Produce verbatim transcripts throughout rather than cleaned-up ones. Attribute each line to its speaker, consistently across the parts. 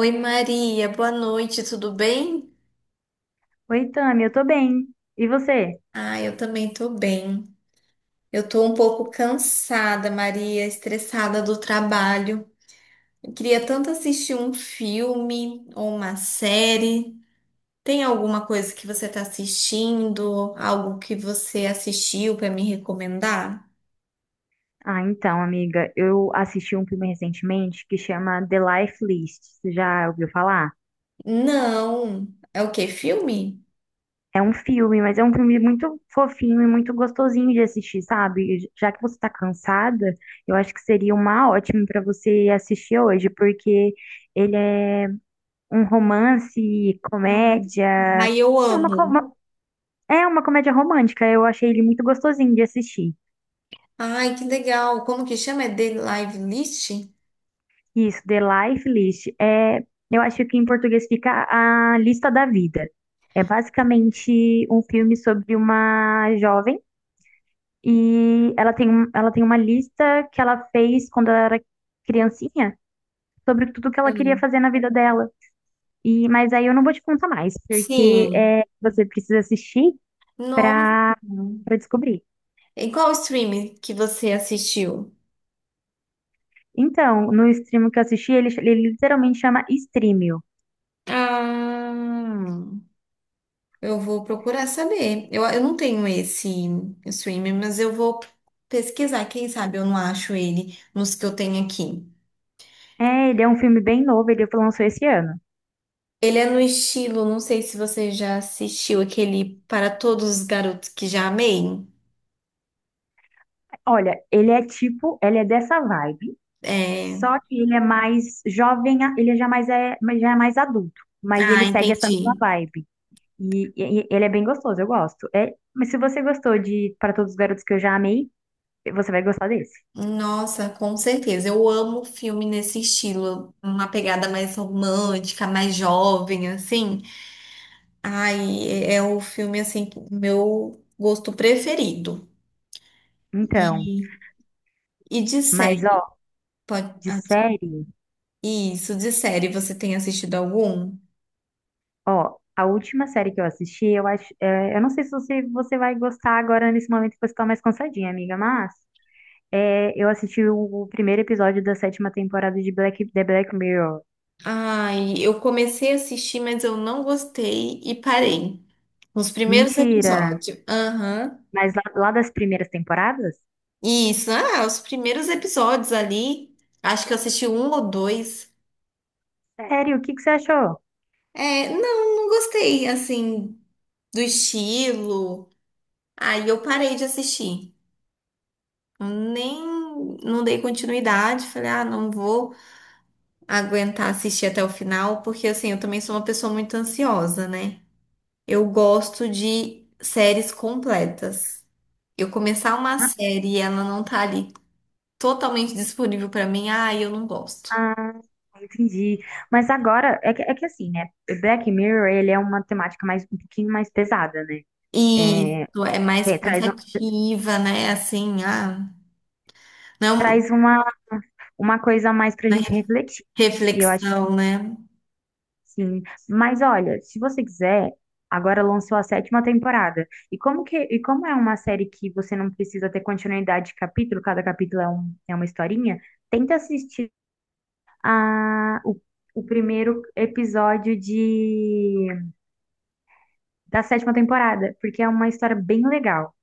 Speaker 1: Oi Maria, boa noite, tudo bem?
Speaker 2: Oi, Tami, eu tô bem. E você?
Speaker 1: Ah, eu também tô bem. Eu tô um pouco cansada, Maria, estressada do trabalho. Eu queria tanto assistir um filme ou uma série. Tem alguma coisa que você tá assistindo? Algo que você assistiu pra me recomendar?
Speaker 2: Ah, então, amiga, eu assisti um filme recentemente que chama The Life List. Você já ouviu falar?
Speaker 1: Não. É o quê? Filme?
Speaker 2: É um filme, mas é um filme muito fofinho e muito gostosinho de assistir, sabe? E Já que você tá cansada, eu acho que seria uma ótima pra você assistir hoje, porque ele é um romance, comédia,
Speaker 1: Ai, eu
Speaker 2: é uma, co-
Speaker 1: amo.
Speaker 2: uma- é uma comédia romântica. Eu achei ele muito gostosinho de assistir.
Speaker 1: Ai, que legal. Como que chama? É The Live List?
Speaker 2: Isso, The Life List. É, eu acho que em português fica a lista da vida. É basicamente um filme sobre uma jovem e ela tem, um- ela tem uma lista que ela fez quando ela era criancinha sobre tudo que ela queria
Speaker 1: Hum.
Speaker 2: fazer na vida dela. E, mas aí eu não vou te contar mais, porque
Speaker 1: Sim.
Speaker 2: é, você precisa assistir
Speaker 1: Nossa.
Speaker 2: para para descobrir.
Speaker 1: Em qual streaming que você assistiu?
Speaker 2: Então, no stream que eu assisti, ele, ele literalmente chama Streamio.
Speaker 1: Ah, eu vou procurar saber. Eu, eu não tenho esse streaming, mas eu vou pesquisar. Quem sabe eu não acho ele nos que eu tenho aqui.
Speaker 2: É, ele é um filme bem novo, ele lançou esse ano.
Speaker 1: Ele é no estilo, não sei se você já assistiu aquele Para Todos os Garotos que Já Amei.
Speaker 2: Olha, ele é tipo, ele é dessa vibe,
Speaker 1: É...
Speaker 2: só que ele é mais jovem, ele já mais é, já é mais adulto, mas
Speaker 1: Ah,
Speaker 2: ele segue essa mesma
Speaker 1: entendi.
Speaker 2: vibe. E, e- ele é bem gostoso, eu gosto. É, mas se você gostou de Para Todos os Garotos que eu já amei, você vai gostar desse.
Speaker 1: Nossa, com certeza. Eu amo filme nesse estilo, uma pegada mais romântica, mais jovem, assim. Ai, é o filme assim, que- meu gosto preferido.
Speaker 2: Então,
Speaker 1: E, e de
Speaker 2: mas
Speaker 1: série,
Speaker 2: ó,
Speaker 1: pode,
Speaker 2: de
Speaker 1: ah, desculpa.
Speaker 2: série,
Speaker 1: Isso, de série, você tem assistido algum?
Speaker 2: ó, a última série que eu assisti, eu acho, é, eu não sei se você, você vai gostar agora nesse momento que você tá mais cansadinha, amiga, mas é, eu assisti o o primeiro episódio da sétima temporada de Black, The Black Mirror.
Speaker 1: Ai, eu comecei a assistir, mas eu não gostei e parei. Os primeiros
Speaker 2: Mentira.
Speaker 1: episódios. Aham.
Speaker 2: Mas lá, lá das primeiras temporadas?
Speaker 1: Isso, ah, os primeiros episódios ali. Acho que eu assisti um ou dois.
Speaker 2: Sério, o que que você achou?
Speaker 1: É, não, não gostei, assim, do estilo. Aí eu parei de assistir. Eu nem Não dei continuidade, falei, ah, não vou aguentar assistir até o final, porque assim, eu também sou uma pessoa muito ansiosa, né? Eu gosto de séries completas. Eu começar uma
Speaker 2: Ah,
Speaker 1: série e ela não tá ali totalmente disponível pra mim, ah, eu não gosto.
Speaker 2: ah, entendi. Mas agora, é que, é que assim, né? Black Mirror, ele é uma temática mais, um pouquinho mais pesada, né?
Speaker 1: E isso é mais
Speaker 2: Tem- traz, um-
Speaker 1: pensativa, né? Assim, ah, não,
Speaker 2: traz uma, uma coisa a mais pra
Speaker 1: né?
Speaker 2: gente refletir. E eu acho
Speaker 1: Reflexão,
Speaker 2: que
Speaker 1: né?
Speaker 2: sim. Mas olha, se você quiser, agora lançou a sétima temporada. E como que, e como é uma série que você não precisa ter continuidade de capítulo, cada capítulo é, um, é uma historinha, tenta assistir a, o, o primeiro episódio de, da sétima temporada, porque é uma história bem legal.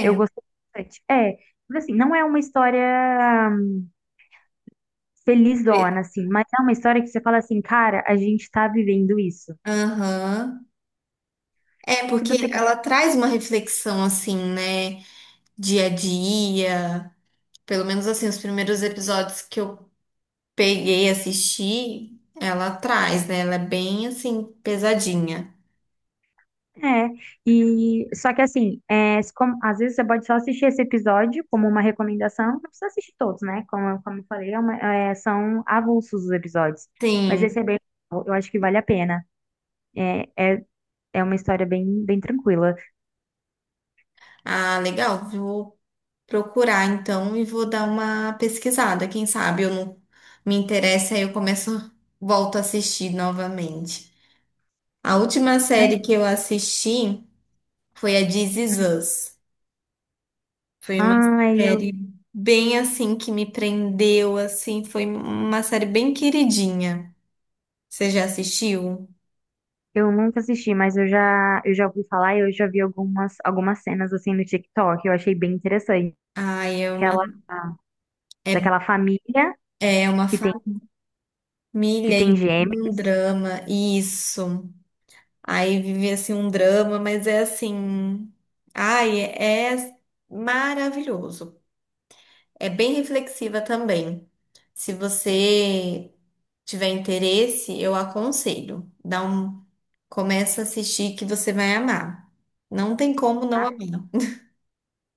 Speaker 2: Eu gostei bastante. É, mas assim, não é uma história
Speaker 1: pe-
Speaker 2: felizona, assim, mas é uma história que você fala assim, cara, a gente tá vivendo isso.
Speaker 1: aham. É,
Speaker 2: Se
Speaker 1: porque
Speaker 2: você quiser.
Speaker 1: ela traz uma reflexão assim, né? Dia a dia. Pelo menos assim, os primeiros episódios que eu peguei e assisti, ela traz, né? Ela é bem assim, pesadinha.
Speaker 2: É, e só que assim, é, se como- às vezes você pode só assistir esse episódio como uma recomendação, não precisa assistir todos, né? Como, eu- como eu falei, é uma- é, são avulsos os episódios. Mas esse
Speaker 1: Sim.
Speaker 2: é bem legal, eu acho que vale a pena. É, é É uma história bem, bem tranquila.
Speaker 1: Ah, legal. Vou procurar então e vou dar uma pesquisada. Quem sabe eu não me interessa, aí eu começo, volto a assistir novamente. A última
Speaker 2: Mas,
Speaker 1: série que eu assisti foi a This Is
Speaker 2: hum,
Speaker 1: Us. Foi uma
Speaker 2: ai, eu,
Speaker 1: série bem assim que me prendeu, assim, foi uma série bem queridinha. Você já assistiu?
Speaker 2: eu nunca assisti, mas eu já, eu já ouvi falar e eu já vi algumas, algumas cenas assim no TikTok. Eu achei bem interessante.
Speaker 1: Ai, é uma
Speaker 2: Aquela,
Speaker 1: é,
Speaker 2: daquela família
Speaker 1: é uma
Speaker 2: que tem, que
Speaker 1: família e
Speaker 2: tem
Speaker 1: um
Speaker 2: gêmeos.
Speaker 1: drama, isso. Aí vive assim um drama, mas é assim, ai, é, é maravilhoso. É bem reflexiva também. Se você tiver interesse, eu aconselho. Dá um, começa a assistir que você vai amar. Não tem como não amar.
Speaker 2: Né?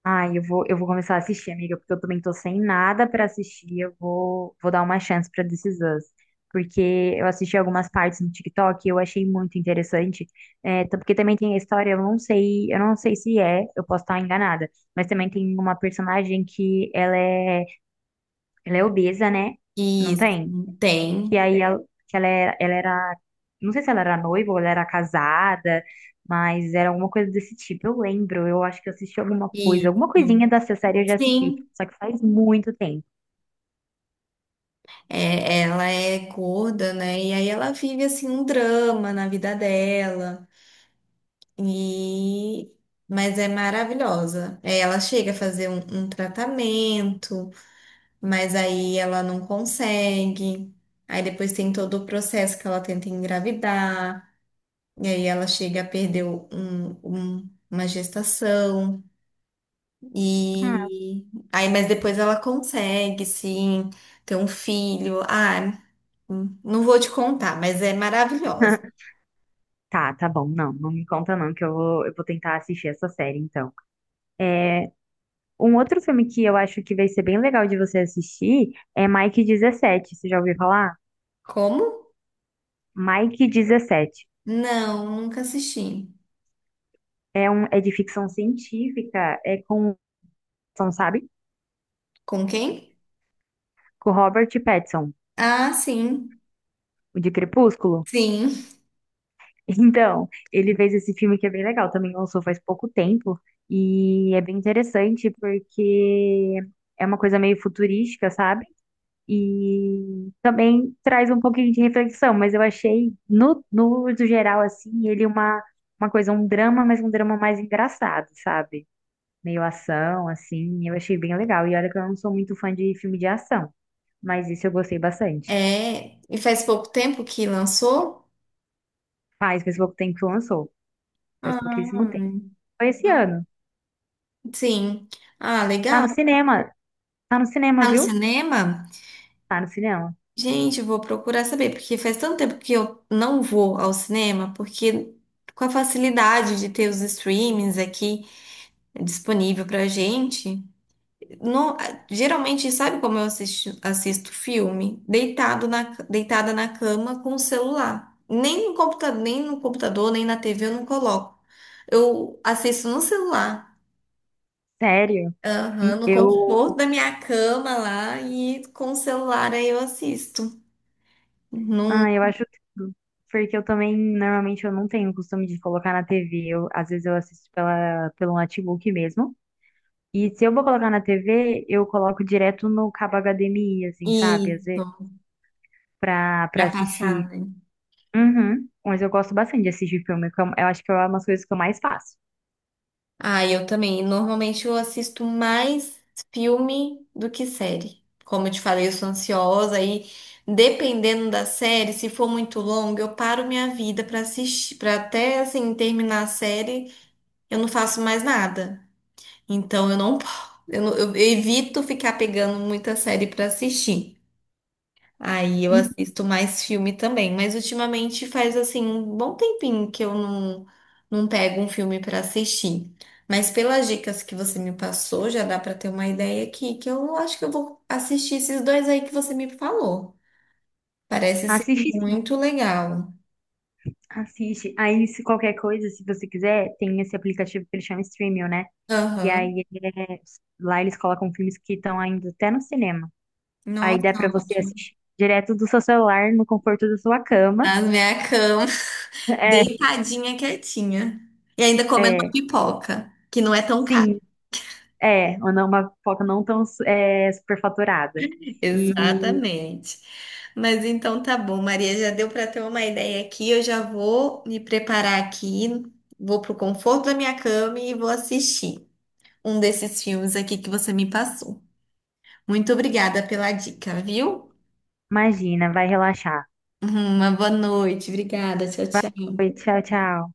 Speaker 2: Ai, eu vou, eu vou começar a assistir, amiga, porque eu também tô sem nada pra assistir. Eu vou, vou dar uma chance pra This Is Us. Porque eu assisti algumas partes no TikTok e eu achei muito interessante. É, tá- porque também tem a história, eu não sei, eu não sei se é, eu posso estar enganada, mas também tem uma personagem que ela é, ela é obesa, né? Não
Speaker 1: Isso,
Speaker 2: tem? que
Speaker 1: tem.
Speaker 2: aí ela, que ela era, ela era, não sei se ela era noiva ou ela era casada, mas era alguma coisa desse tipo. Eu lembro, eu acho que eu assisti alguma coisa,
Speaker 1: Isso.
Speaker 2: alguma coisinha dessa série eu já assisti,
Speaker 1: Sim,
Speaker 2: só que faz muito tempo.
Speaker 1: é, ela é gorda, né? E aí ela vive assim um drama na vida dela. E mas é maravilhosa. É, ela chega a fazer um, um tratamento, mas aí ela não consegue. Aí depois tem todo o processo que ela tenta engravidar. E aí ela chega a perder um- um- uma gestação.
Speaker 2: Ah,
Speaker 1: E aí, mas depois ela consegue, sim, ter um filho. Ah, não vou te contar, mas é maravilhosa.
Speaker 2: tá, tá bom, não, não me conta não, que eu vou, eu vou tentar assistir essa série então. Um outro filme que eu acho que vai ser bem legal de você assistir é Mike dezessete você já ouviu falar?
Speaker 1: Como?
Speaker 2: Mike dezessete
Speaker 1: Não, nunca assisti.
Speaker 2: é um, é de ficção científica, é com, sabe?
Speaker 1: Com quem?
Speaker 2: Com Robert Pattinson.
Speaker 1: Ah, sim.
Speaker 2: O de Crepúsculo?
Speaker 1: Sim.
Speaker 2: Então, ele fez esse filme que é bem legal, também lançou faz pouco tempo, e é bem interessante porque é uma coisa meio futurística, sabe? E também traz um pouquinho de reflexão, mas eu achei, no, no uso geral, assim, ele uma, uma coisa, um drama, mas um drama mais engraçado, sabe? Meio ação, assim, eu achei bem legal. E olha que eu não sou muito fã de filme de ação, mas isso eu gostei bastante.
Speaker 1: É, e faz pouco tempo que lançou?
Speaker 2: Faz, faz pouco tempo que lançou, faz pouquíssimo
Speaker 1: Ah,
Speaker 2: tempo. Foi esse ano.
Speaker 1: sim. Ah,
Speaker 2: Tá
Speaker 1: legal.
Speaker 2: no cinema. Tá no cinema,
Speaker 1: Tá no
Speaker 2: viu?
Speaker 1: cinema?
Speaker 2: Tá no cinema.
Speaker 1: Gente, eu vou procurar saber, porque faz tanto tempo que eu não vou ao cinema, porque com a facilidade de ter os streamings aqui disponível pra gente, não- geralmente, sabe como eu assisto, assisto filme? Deitado na, deitada na cama com o celular. Nem no computador, nem no computador, nem na T V eu não coloco. Eu assisto no celular.
Speaker 2: Sério.
Speaker 1: Aham,
Speaker 2: E
Speaker 1: no
Speaker 2: eu.
Speaker 1: conforto da minha cama lá e com o celular aí eu assisto. Não,
Speaker 2: Ah, eu acho tudo. Porque eu também, normalmente, eu não tenho o costume de colocar na T V. Eu, às vezes eu assisto pela, pelo notebook mesmo. E se eu vou colocar na T V, eu coloco direto no cabo H D M I, assim, sabe? Às vezes,
Speaker 1: isso.
Speaker 2: pra, pra
Speaker 1: Já passava.
Speaker 2: assistir. Uhum. Mas eu gosto bastante de assistir filme. Que Eu eu acho que é uma das coisas que eu mais faço.
Speaker 1: Ah, eu também. Normalmente eu assisto mais filme do que série. Como eu te falei, eu sou ansiosa e dependendo da série, se for muito longa, eu paro minha vida para assistir, para até assim terminar a série, eu não faço mais nada. Então eu não, po- eu, não- eu evito ficar pegando muita série para assistir. Aí eu assisto mais filme também, mas ultimamente faz assim um bom tempinho que eu não, não pego um filme para assistir. Mas pelas dicas que você me passou, já dá para ter uma ideia aqui, que eu acho que eu vou assistir esses dois aí que você me falou. Parece ser
Speaker 2: Assistir.
Speaker 1: muito legal.
Speaker 2: Assiste. Aí, se qualquer coisa, se você quiser, tem esse aplicativo que ele chama Streamio, né? E
Speaker 1: Aham.
Speaker 2: aí, é- lá eles colocam filmes que estão ainda até no cinema. Aí
Speaker 1: Nossa,
Speaker 2: dá pra você
Speaker 1: ótimo.
Speaker 2: assistir direto do seu celular, no conforto da sua cama.
Speaker 1: Na minha cama,
Speaker 2: É,
Speaker 1: deitadinha, quietinha. E ainda comendo uma
Speaker 2: é,
Speaker 1: pipoca, que não é tão cara.
Speaker 2: sim, é. Ou não, uma pipoca não tão é, superfaturada. E
Speaker 1: Exatamente. Mas então tá bom, Maria, já deu para ter uma ideia aqui. Eu já vou me preparar aqui, vou pro conforto da minha cama e vou assistir um desses filmes aqui que você me passou. Muito obrigada pela dica, viu?
Speaker 2: imagina, vai relaxar.
Speaker 1: Uma boa noite. Obrigada. Tchau, tchau.
Speaker 2: Vai, tchau, tchau.